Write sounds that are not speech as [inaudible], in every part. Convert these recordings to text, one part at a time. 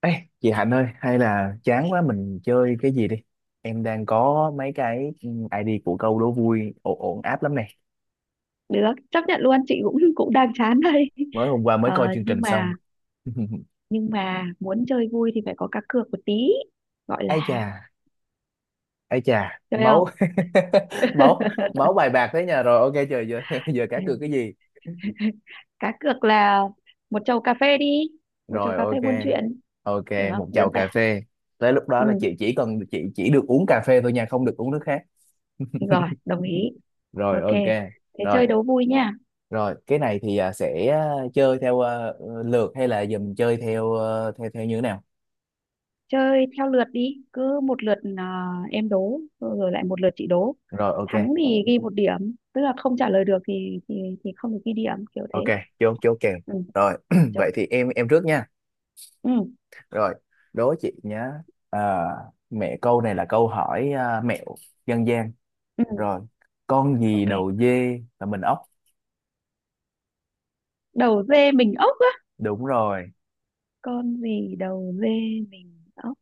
Ê, chị Hạnh ơi, hay là chán quá mình chơi cái gì đi. Em đang có mấy cái ID của câu đố vui ổn ổn áp lắm này. Được chấp nhận luôn, chị cũng [laughs] cũng đang chán đây. Mới hôm qua mới Ờ, coi chương nhưng trình xong. mà [laughs] nhưng mà muốn chơi vui thì phải có cá cược một tí, gọi Ai chà, là. ai chà, Chơi máu không? [laughs] máu [laughs] máu bài bạc thế nhà rồi. Ok trời giờ [laughs] giờ cá cược cái gì? Cá cược là một chầu cà phê đi, một chầu Rồi cà phê ok. buôn chuyện, Ok, được không, một đơn chầu giản. cà phê. Tới lúc đó Ừ, là chị chỉ được uống cà phê thôi nha, không được uống nước khác. rồi đồng ý. Rồi Ok, ok. thế Rồi, chơi đố vui nha. Rồi, cái này thì sẽ chơi theo lượt hay là giờ mình chơi theo à, theo theo như thế nào? Chơi theo lượt đi, cứ một lượt à, em đố rồi lại một lượt chị đố. Rồi, ok. Thắng thì ghi một điểm, tức là không trả lời được thì không được ghi điểm, kiểu Ok, thế. chốt chốt kèo. Ừ, Rồi, [clears throat] rồi. vậy thì em trước nha. Ừ. Rồi, đố chị nhá. À, mẹ câu này là câu hỏi mẹo dân gian. Ừ. Rồi, con gì Ok. đầu dê là mình ốc? Đầu dê mình ốc á? Đúng rồi. Con gì đầu dê mình ốc?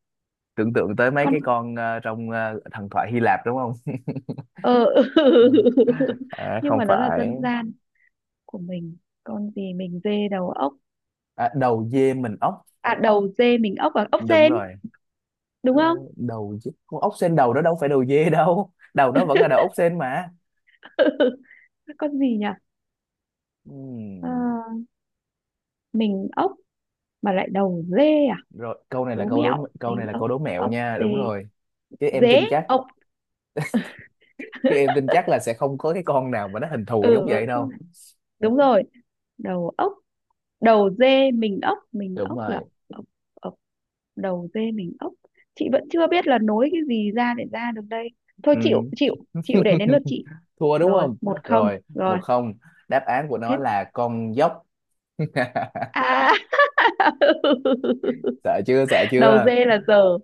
Tưởng tượng tới mấy cái Con... con trong thần thoại Hy Lạp đúng không? [laughs] ờ. Ừ. [laughs] À, Nhưng không mà nó là phải. dân gian của mình. Con gì mình dê đầu ốc? À, đầu dê mình ốc. À, đầu dê mình ốc và ốc Đúng sên, rồi. đúng không? Đầu chứ con ốc sên đầu đó đâu phải đầu dê đâu, đầu nó vẫn là đầu ốc sên mà. [laughs] Con gì nhỉ? Ờ, Ừm, mình ốc mà lại đầu dê à? rồi Đố mẹo. Câu Mình này là ốc, câu đố mẹo ốc nha, dê, đúng rồi. chứ em tin dế, chắc ốc. Chứ em tin chắc là sẽ không có cái con nào mà nó hình thù giống Ừ. Ừ, vậy không, đâu. đúng rồi. Đầu ốc, đầu dê mình ốc, mình Đúng ốc là rồi. ốc. Ốc. Đầu dê mình ốc. Chị vẫn chưa biết là nối cái gì ra để ra được đây. Thôi, chịu, Ừm. chịu. Chịu, để đến lượt [laughs] chị. Thua đúng Rồi, không? một không Rồi một rồi. không. Đáp án của nó Thế là con dốc. [laughs] à. [laughs] Sợ chưa, sợ Đầu chưa? dê là giờ.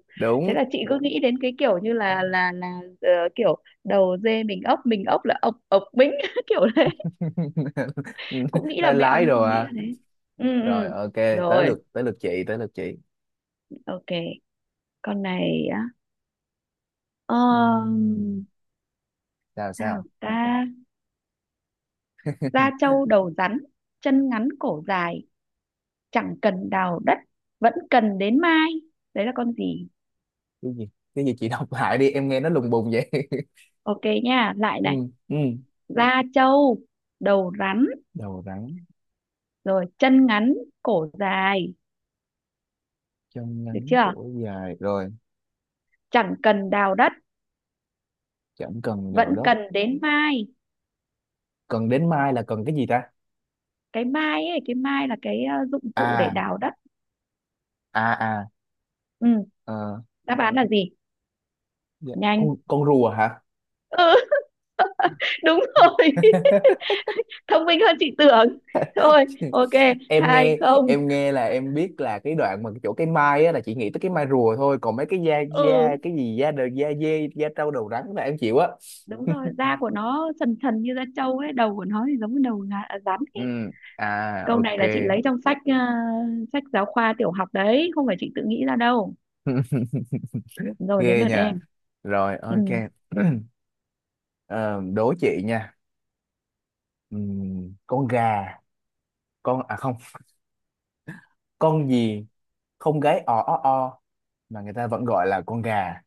Thế Đúng. là chị cứ nghĩ đến cái kiểu như là ờ, kiểu đầu dê mình ốc, mình ốc là ộc ộc bính, [laughs] kiểu đấy. [laughs] Cũng nghĩ là Nói mẹo lái nhưng đồ không nghĩ là à. thế. Ừ. Rồi Ừ, ok. Rồi Tới lượt chị. ok. Con này á? Ừm, um, sao Sao sao ta? Da [laughs] trâu đầu rắn, chân ngắn cổ dài, chẳng cần đào đất vẫn cần đến mai. Đấy là con gì? cái gì cái gì chị đọc [laughs] lại đi, em nghe nó lùng bùng vậy. Ok nha, lại [laughs] Ừ, này. ừ, Da trâu, đầu rắn, đầu rắn, rồi chân ngắn cổ dài, trong được ngắn chưa? cổ dài rồi, Chẳng cần đào đất, chẳng cần đào vẫn đất. cần đến mai. Cần đến mai là cần cái gì ta? Cái mai ấy, cái mai là cái dụng cụ để À đào đất. à à, Ừ. ờ, Đáp án là gì? dạ, con Nhanh. con rùa hả? Ừ. [laughs] Đúng rồi. [laughs] [laughs] Thông minh hơn chị tưởng. Thôi, ok. em Hai nghe không. em nghe là em biết là cái đoạn mà chỗ cái mai á là chị nghĩ tới cái mai rùa thôi, còn mấy cái da Ừ, da cái gì da đầu da dê da trâu đầu rắn là em chịu á. đúng [laughs] rồi, da của nó sần sần như da trâu ấy, đầu của nó thì giống như đầu rắn ấy. Ừ, à Câu này ok. là chị lấy trong sách sách giáo khoa tiểu học đấy, không phải chị tự nghĩ ra đâu. [laughs] Rồi, đến Ghê lượt nha. em. Rồi Ừ. ok. [clears throat] Ờ, đố chị nha. Con gà, con à không con gì không gáy o o o mà người ta vẫn gọi là con gà?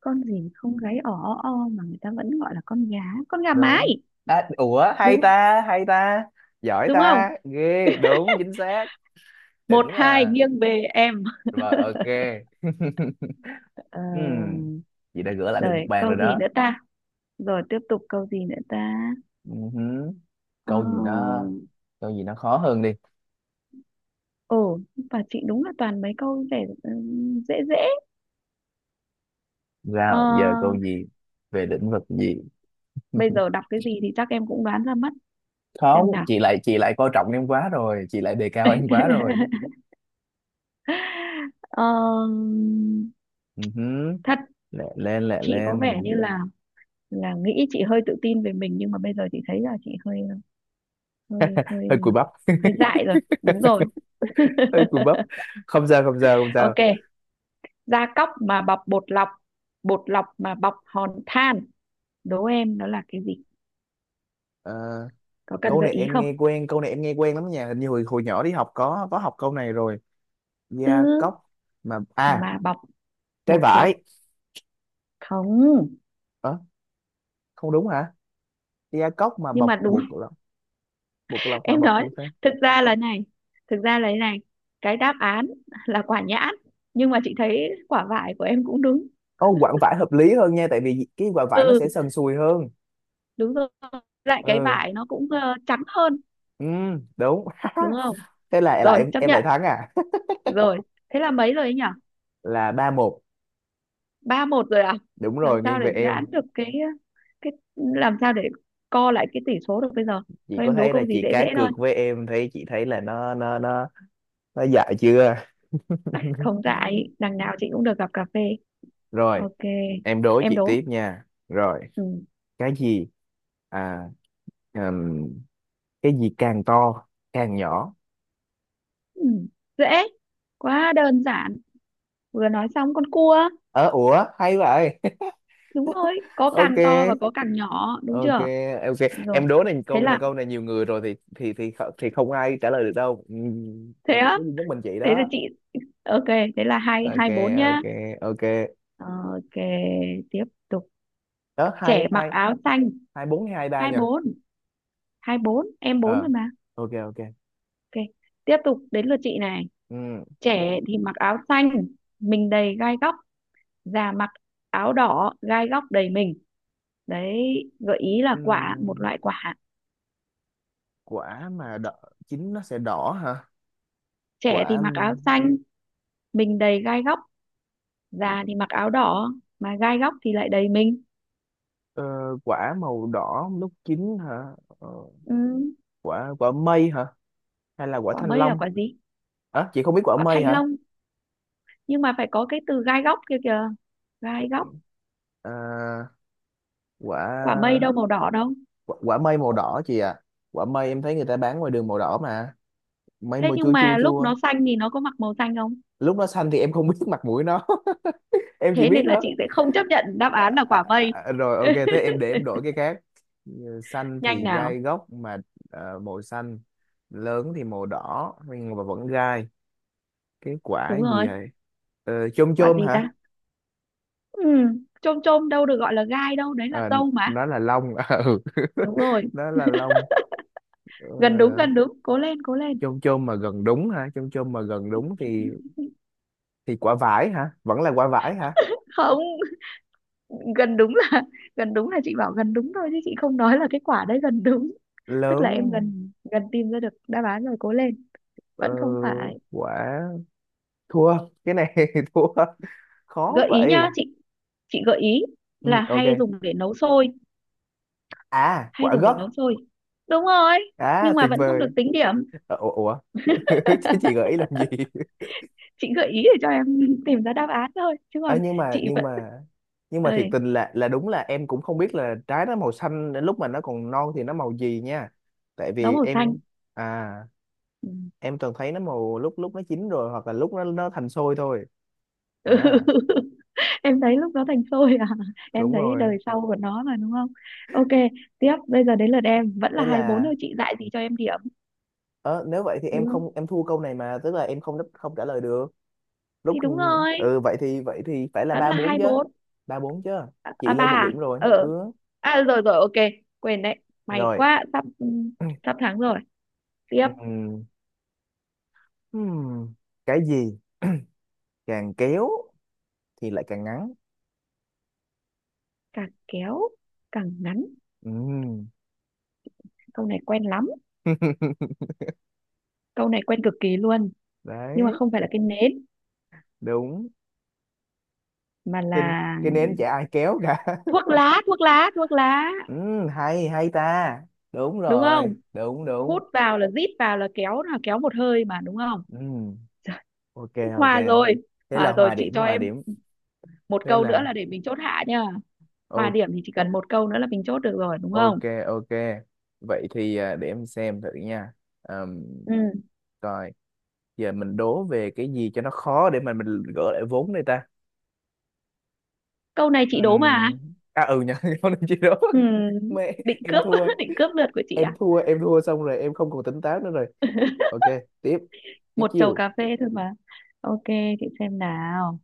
Con gì không gáy ỏ o mà người ta vẫn gọi là con gá? Con gà mái. Đúng. À, ủa hay Đúng. ta, hay ta. Giỏi Đúng không? ta ghê, đúng, chính xác. Một Đỉnh hai, nha. nghiêng về em. Rồi ok. [laughs] Ờ. Ừm, chị đã gỡ lại được một Rồi, bàn rồi câu gì đó. nữa ta? Rồi tiếp tục, câu gì nữa ta? Ừm, Ờ. câu gì nó câu gì nó khó hơn đi. Ồ, và chị đúng là toàn mấy câu để dễ dễ. Ờ, Sao giờ câu gì, về lĩnh vực gì? bây giờ đọc cái gì thì chắc em cũng đoán ra mất. Không, Xem nào. Chị lại coi trọng em quá rồi, chị lại đề cao em quá rồi. [laughs] Ờ, Ừ hứ, thật. lẹ lên, lẹ Chị có vẻ lên. như là nghĩ, chị hơi tự tin về mình nhưng mà bây giờ chị thấy là chị hơi, hơi Hơi hơi cùi bắp. hơi [laughs] dại rồi, đúng rồi. Hơi cùi bắp. Không sao. Ok. Da cóc mà bọc bột lọc, bột lọc mà bọc hòn than, đố em nó là cái gì? Ờ, Có cần gợi ý không? Câu này em nghe quen lắm nha, hình như hồi hồi nhỏ đi học có học câu này rồi. Ừ, Da cốc mà, à, mà bọc trái bột lọc, vải. không. Ờ, không đúng hả? Da cốc mà Nhưng mà bọc đúng. bột lọc, bột [laughs] lọc mà Em bọc, nói, không sao. thực ra là này, thực ra là thế này: cái đáp án là quả nhãn, nhưng mà chị thấy quả vải của em cũng đúng. Ô quặng vải hợp lý hơn nha, tại vì cái quặng vải nó Ừ. sẽ sần sùi hơn. Đúng rồi. Lại cái Ừ, vải nó cũng, ơ, trắng hơn, ừ, đúng. đúng không? [laughs] Thế là lại Rồi, em chấp em lại nhận. thắng à? [laughs] Rồi, thế là mấy rồi ấy nhỉ? Là ba một. Ba một rồi à? Đúng Làm rồi, sao nghiêng để về giãn em. được cái cái, làm sao để co lại cái tỷ số được bây giờ? Chị Thôi có em đố thấy là câu gì chị dễ dễ cá thôi. cược với em, thấy chị thấy là nó nó dại chưa? Không [laughs] dại, đằng nào chị cũng được gặp cà phê. Rồi Ok, em đố em chị đố. tiếp nha. Rồi Ừ. cái gì, à, ừm, cái gì càng to càng nhỏ? Ừ. Dễ. Quá đơn giản. Vừa nói xong, con cua. Ờ ủa hay vậy. [laughs] Đúng rồi, có Ok, càng to và có càng nhỏ, đúng ok, chưa? ok. Đúng rồi. Em đố này, Thế câu này là câu này nhiều người rồi thì thì không ai trả lời được đâu. Thế Chỉ á, có duy nhất mình chị thế là đó. chị, ok, thế là hai Ok, hai bốn nhá. ok, ok. Ờ, ok, tiếp tục, Đó hai trẻ mặc hai. áo xanh. Hai bốn hay hai ba Hai nhờ? bốn, hai bốn, em Ờ bốn rồi mà. ok, ok. Ok, tiếp tục, đến lượt chị này. Ừ. Trẻ thì mặc áo xanh, mình đầy gai góc, già mặc áo đỏ, gai góc đầy mình. Đấy, gợi ý là quả, một Ừm, loại quả. quả mà đỏ, chín nó sẽ đỏ hả? Trẻ thì Quả, mặc áo xanh, mình đầy gai góc, già thì mặc áo đỏ mà gai góc thì lại đầy mình. ờ, quả màu đỏ lúc chín hả? Ờ, Ừ, quả quả mây hả? Hay là quả quả thanh mây là long? quả gì? À, chị không biết quả Quả mây thanh hả? long, nhưng mà phải có cái từ gai góc kia kìa, gai góc. À, Quả mây quả, đâu màu đỏ đâu. quả mây màu đỏ chị ạ. Quả mây em thấy người ta bán ngoài đường màu đỏ mà. Mây Thế màu nhưng chua mà chua lúc chua. nó xanh thì nó có mặc màu xanh không? Lúc nó xanh thì em không [laughs] biết mặt mũi nó. [laughs] Em chỉ Thế biết nên là nó. chị sẽ không chấp nhận đáp À, án là à, quả à, mây. à, rồi ok, thế [laughs] em để em đổi cái khác. Ừ, xanh Nhanh thì nào. gai góc mà. Ờ, màu xanh, lớn thì màu đỏ nhưng mà vẫn gai. Cái quả Đúng gì rồi. vậy? Ờ, chôm Quả chôm gì hả? ta? Ừ, chôm chôm đâu được gọi là gai đâu, đấy Ờ, là dâu mà. nó là long. [laughs] Ừ, Đúng rồi, nó là long. Ờ, gần đúng, gần đúng, cố lên, cố lên. chôm chôm mà gần đúng hả, chôm chôm mà gần đúng thì quả vải hả, vẫn là quả vải hả? Không, gần đúng là, gần đúng là chị bảo gần đúng thôi chứ chị không nói là cái quả đấy gần đúng. Tức là em Lớn, gần, gần tìm ra được đáp án rồi, cố lên. ờ, Vẫn không phải. quả, thua cái này. [laughs] Thua, khó Gợi ý nhá. vậy. Chị gợi ý Ừ, là ok. hay dùng để nấu xôi. À Hay quả dùng để gấc. nấu xôi. Đúng rồi, À nhưng mà tuyệt vẫn không được vời. tính điểm. Ờ, ủa, ủa? [laughs] Chứ chị gợi ý làm gì? Chị gợi ý để cho em [laughs] tìm ra đáp án thôi, chứ Ờ, còn nhưng mà chị nhưng vẫn. mà nhưng mà thiệt Ơi, tình là đúng là em cũng không biết là trái nó màu xanh đến lúc mà nó còn non thì nó màu gì nha. Tại nó vì màu xanh. em, à Ừ. em toàn thấy nó màu lúc lúc nó chín rồi hoặc là lúc nó thành xôi thôi. À [laughs] Em thấy lúc nó thành xôi à? [laughs] Em đúng thấy rồi. đời sau của nó mà, đúng không? Ok, tiếp. Bây giờ đến lượt em, vẫn là Thế hai bốn thôi, là chị dạy gì cho em điểm. ờ, nếu vậy thì em Đúng không? không, em thua câu này, mà tức là em không đáp-, không trả lời được. Lúc Thì đúng rồi. ừ vậy thì phải là Vẫn ba là bốn hai chứ. bốn. Ba bốn chứ. À, Chị à, ba lên một à? điểm rồi. Ờ, Ừ à rồi, rồi ok, quên đấy. May rồi. quá, sắp, sắp thắng rồi. Tiếp. Ừm, hmm, cái gì càng kéo thì lại càng ngắn. Càng kéo càng ngắn. Ừm. Câu này quen lắm, [laughs] câu này quen cực kỳ luôn, nhưng mà Đấy, không phải là cái nến đúng. mà Cái, là cái nến chả ai kéo cả. thuốc [laughs] lá, thuốc lá, thuốc lá. Hay hay ta. Đúng Đúng rồi, không? đúng đúng. Hút vào, là rít vào, là kéo, là kéo một hơi mà, đúng không? Ừm, ok ok. Hòa rồi. Thế là Hòa rồi, chị cho hòa em điểm. một Thế câu nữa là là để mình chốt hạ nha. Hòa o-, điểm thì chỉ cần một câu nữa là mình chốt được rồi, đúng ok không? ok. Vậy thì à, để em xem thử nha. Ờm, Ừ. coi giờ mình đố về cái gì cho nó khó để mà mình gỡ lại vốn đây ta. Câu này chị đố mà. Ừm, À ừ nha, [laughs] không nên chi đố. Ừ. Mẹ Định em cướp thua, [laughs] định cướp lượt của chị à? Em thua xong rồi em không còn tỉnh táo nữa rồi. Ok, tiếp, tiếp Một chầu chiêu. cà phê thôi mà. Ok, chị xem nào.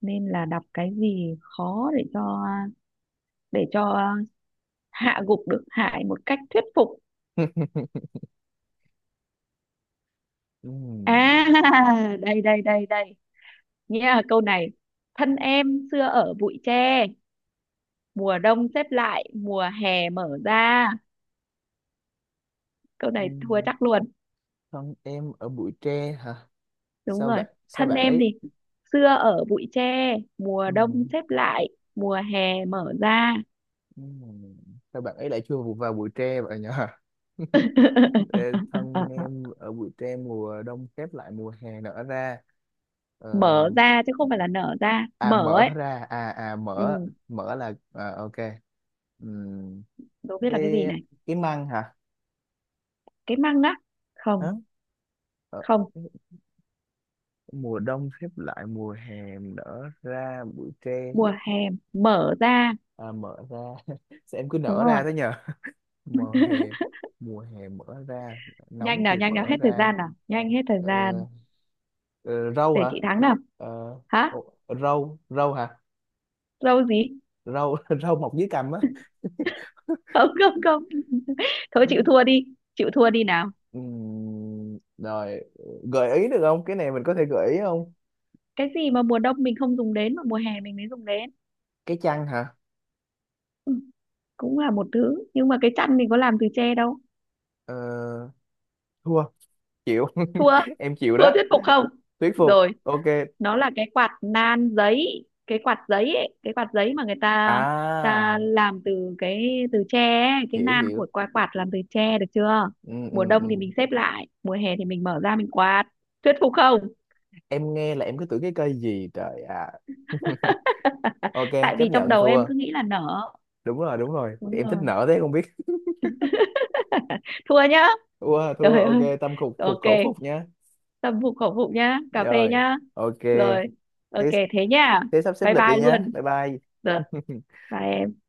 Nên là đọc cái gì khó để cho, để cho hạ gục được Hải một cách thuyết phục. [laughs] Ừm, À, [laughs] đây đây đây đây nha, câu này. Thân em xưa ở bụi tre, mùa đông xếp lại mùa hè mở ra. Câu này thua ừm, chắc luôn. thân em ở bụi tre hả? Đúng rồi. Sao Thân bạn em ấy, thì xưa ở bụi tre, mùa đông ừm, xếp lại, mùa hè mở ra. ừm, sao bạn ấy lại chui vào vào bụi tre vậy nhở? [laughs] Ê, thân [laughs] em ở bụi tre, mùa đông khép lại mùa hè nở ra. Ờ, Mở ra chứ không phải là nở ra, à mở ấy. mở ra, Ừ. mở, mở là à, ok. Ừm, Đố biết là cái cái gì này. cái măng hả? Cái măng á? Không. Đó, ờ, Không. mùa đông khép lại mùa hè nở ra bụi tre. Mùa hè mở ra. À, mở ra. [laughs] Sao em cứ Đúng nở rồi. ra thế nhờ. mùa hè Mùa hè mở ra, nóng Nhanh nào, thì nhanh nào, mở hết thời ra. gian nào, nhanh, hết thời Ờ, gian. ờ, râu Để hả? chị thắng nào. Ờ, Hả? ồ, râu râu hả? Lâu gì? Râu [laughs] râu mọc dưới cằm á. [laughs] [laughs] Không, không, không. [laughs] Thôi, chịu Ừ. thua đi. Chịu thua đi nào. Rồi, gợi ý được không, cái này mình có thể gợi ý không? Cái gì mà mùa đông mình không dùng đến mà mùa hè mình mới dùng đến. Cái chăn hả? Ừ, cũng là một thứ nhưng mà cái chăn mình có làm từ tre đâu. Ờ, thua, chịu. [laughs] Thua. Em chịu Thua đó. thuyết phục không? Thuyết phục Rồi, ok. nó là cái quạt nan giấy, cái quạt giấy ấy, cái quạt giấy mà người ta ta À, làm từ cái từ tre ấy, cái hiểu nan của hiểu. quạt, quạt làm từ tre, được chưa? Ừ, ừ, Mùa đông thì ừ. mình xếp lại, mùa hè thì mình mở ra mình quạt. Thuyết phục không? Em nghe là em cứ tưởng cái cây gì trời à. [laughs] [laughs] Ok, Tại chấp vì trong nhận đầu em thua. cứ nghĩ là nở. Đúng rồi, đúng rồi, Đúng em thích rồi. nở thế không biết. [laughs] Thua nhá. Thua, thua, Trời ok, ơi. tâm phục phục khẩu Ok, phục nhá. tâm phục khẩu phục nhá, cà phê Rồi nhá. ok. Rồi, ok Thế, thế nhá. thế sắp xếp Bye lịch bye đi nhá, luôn. bye bye. Được, [laughs] bye em.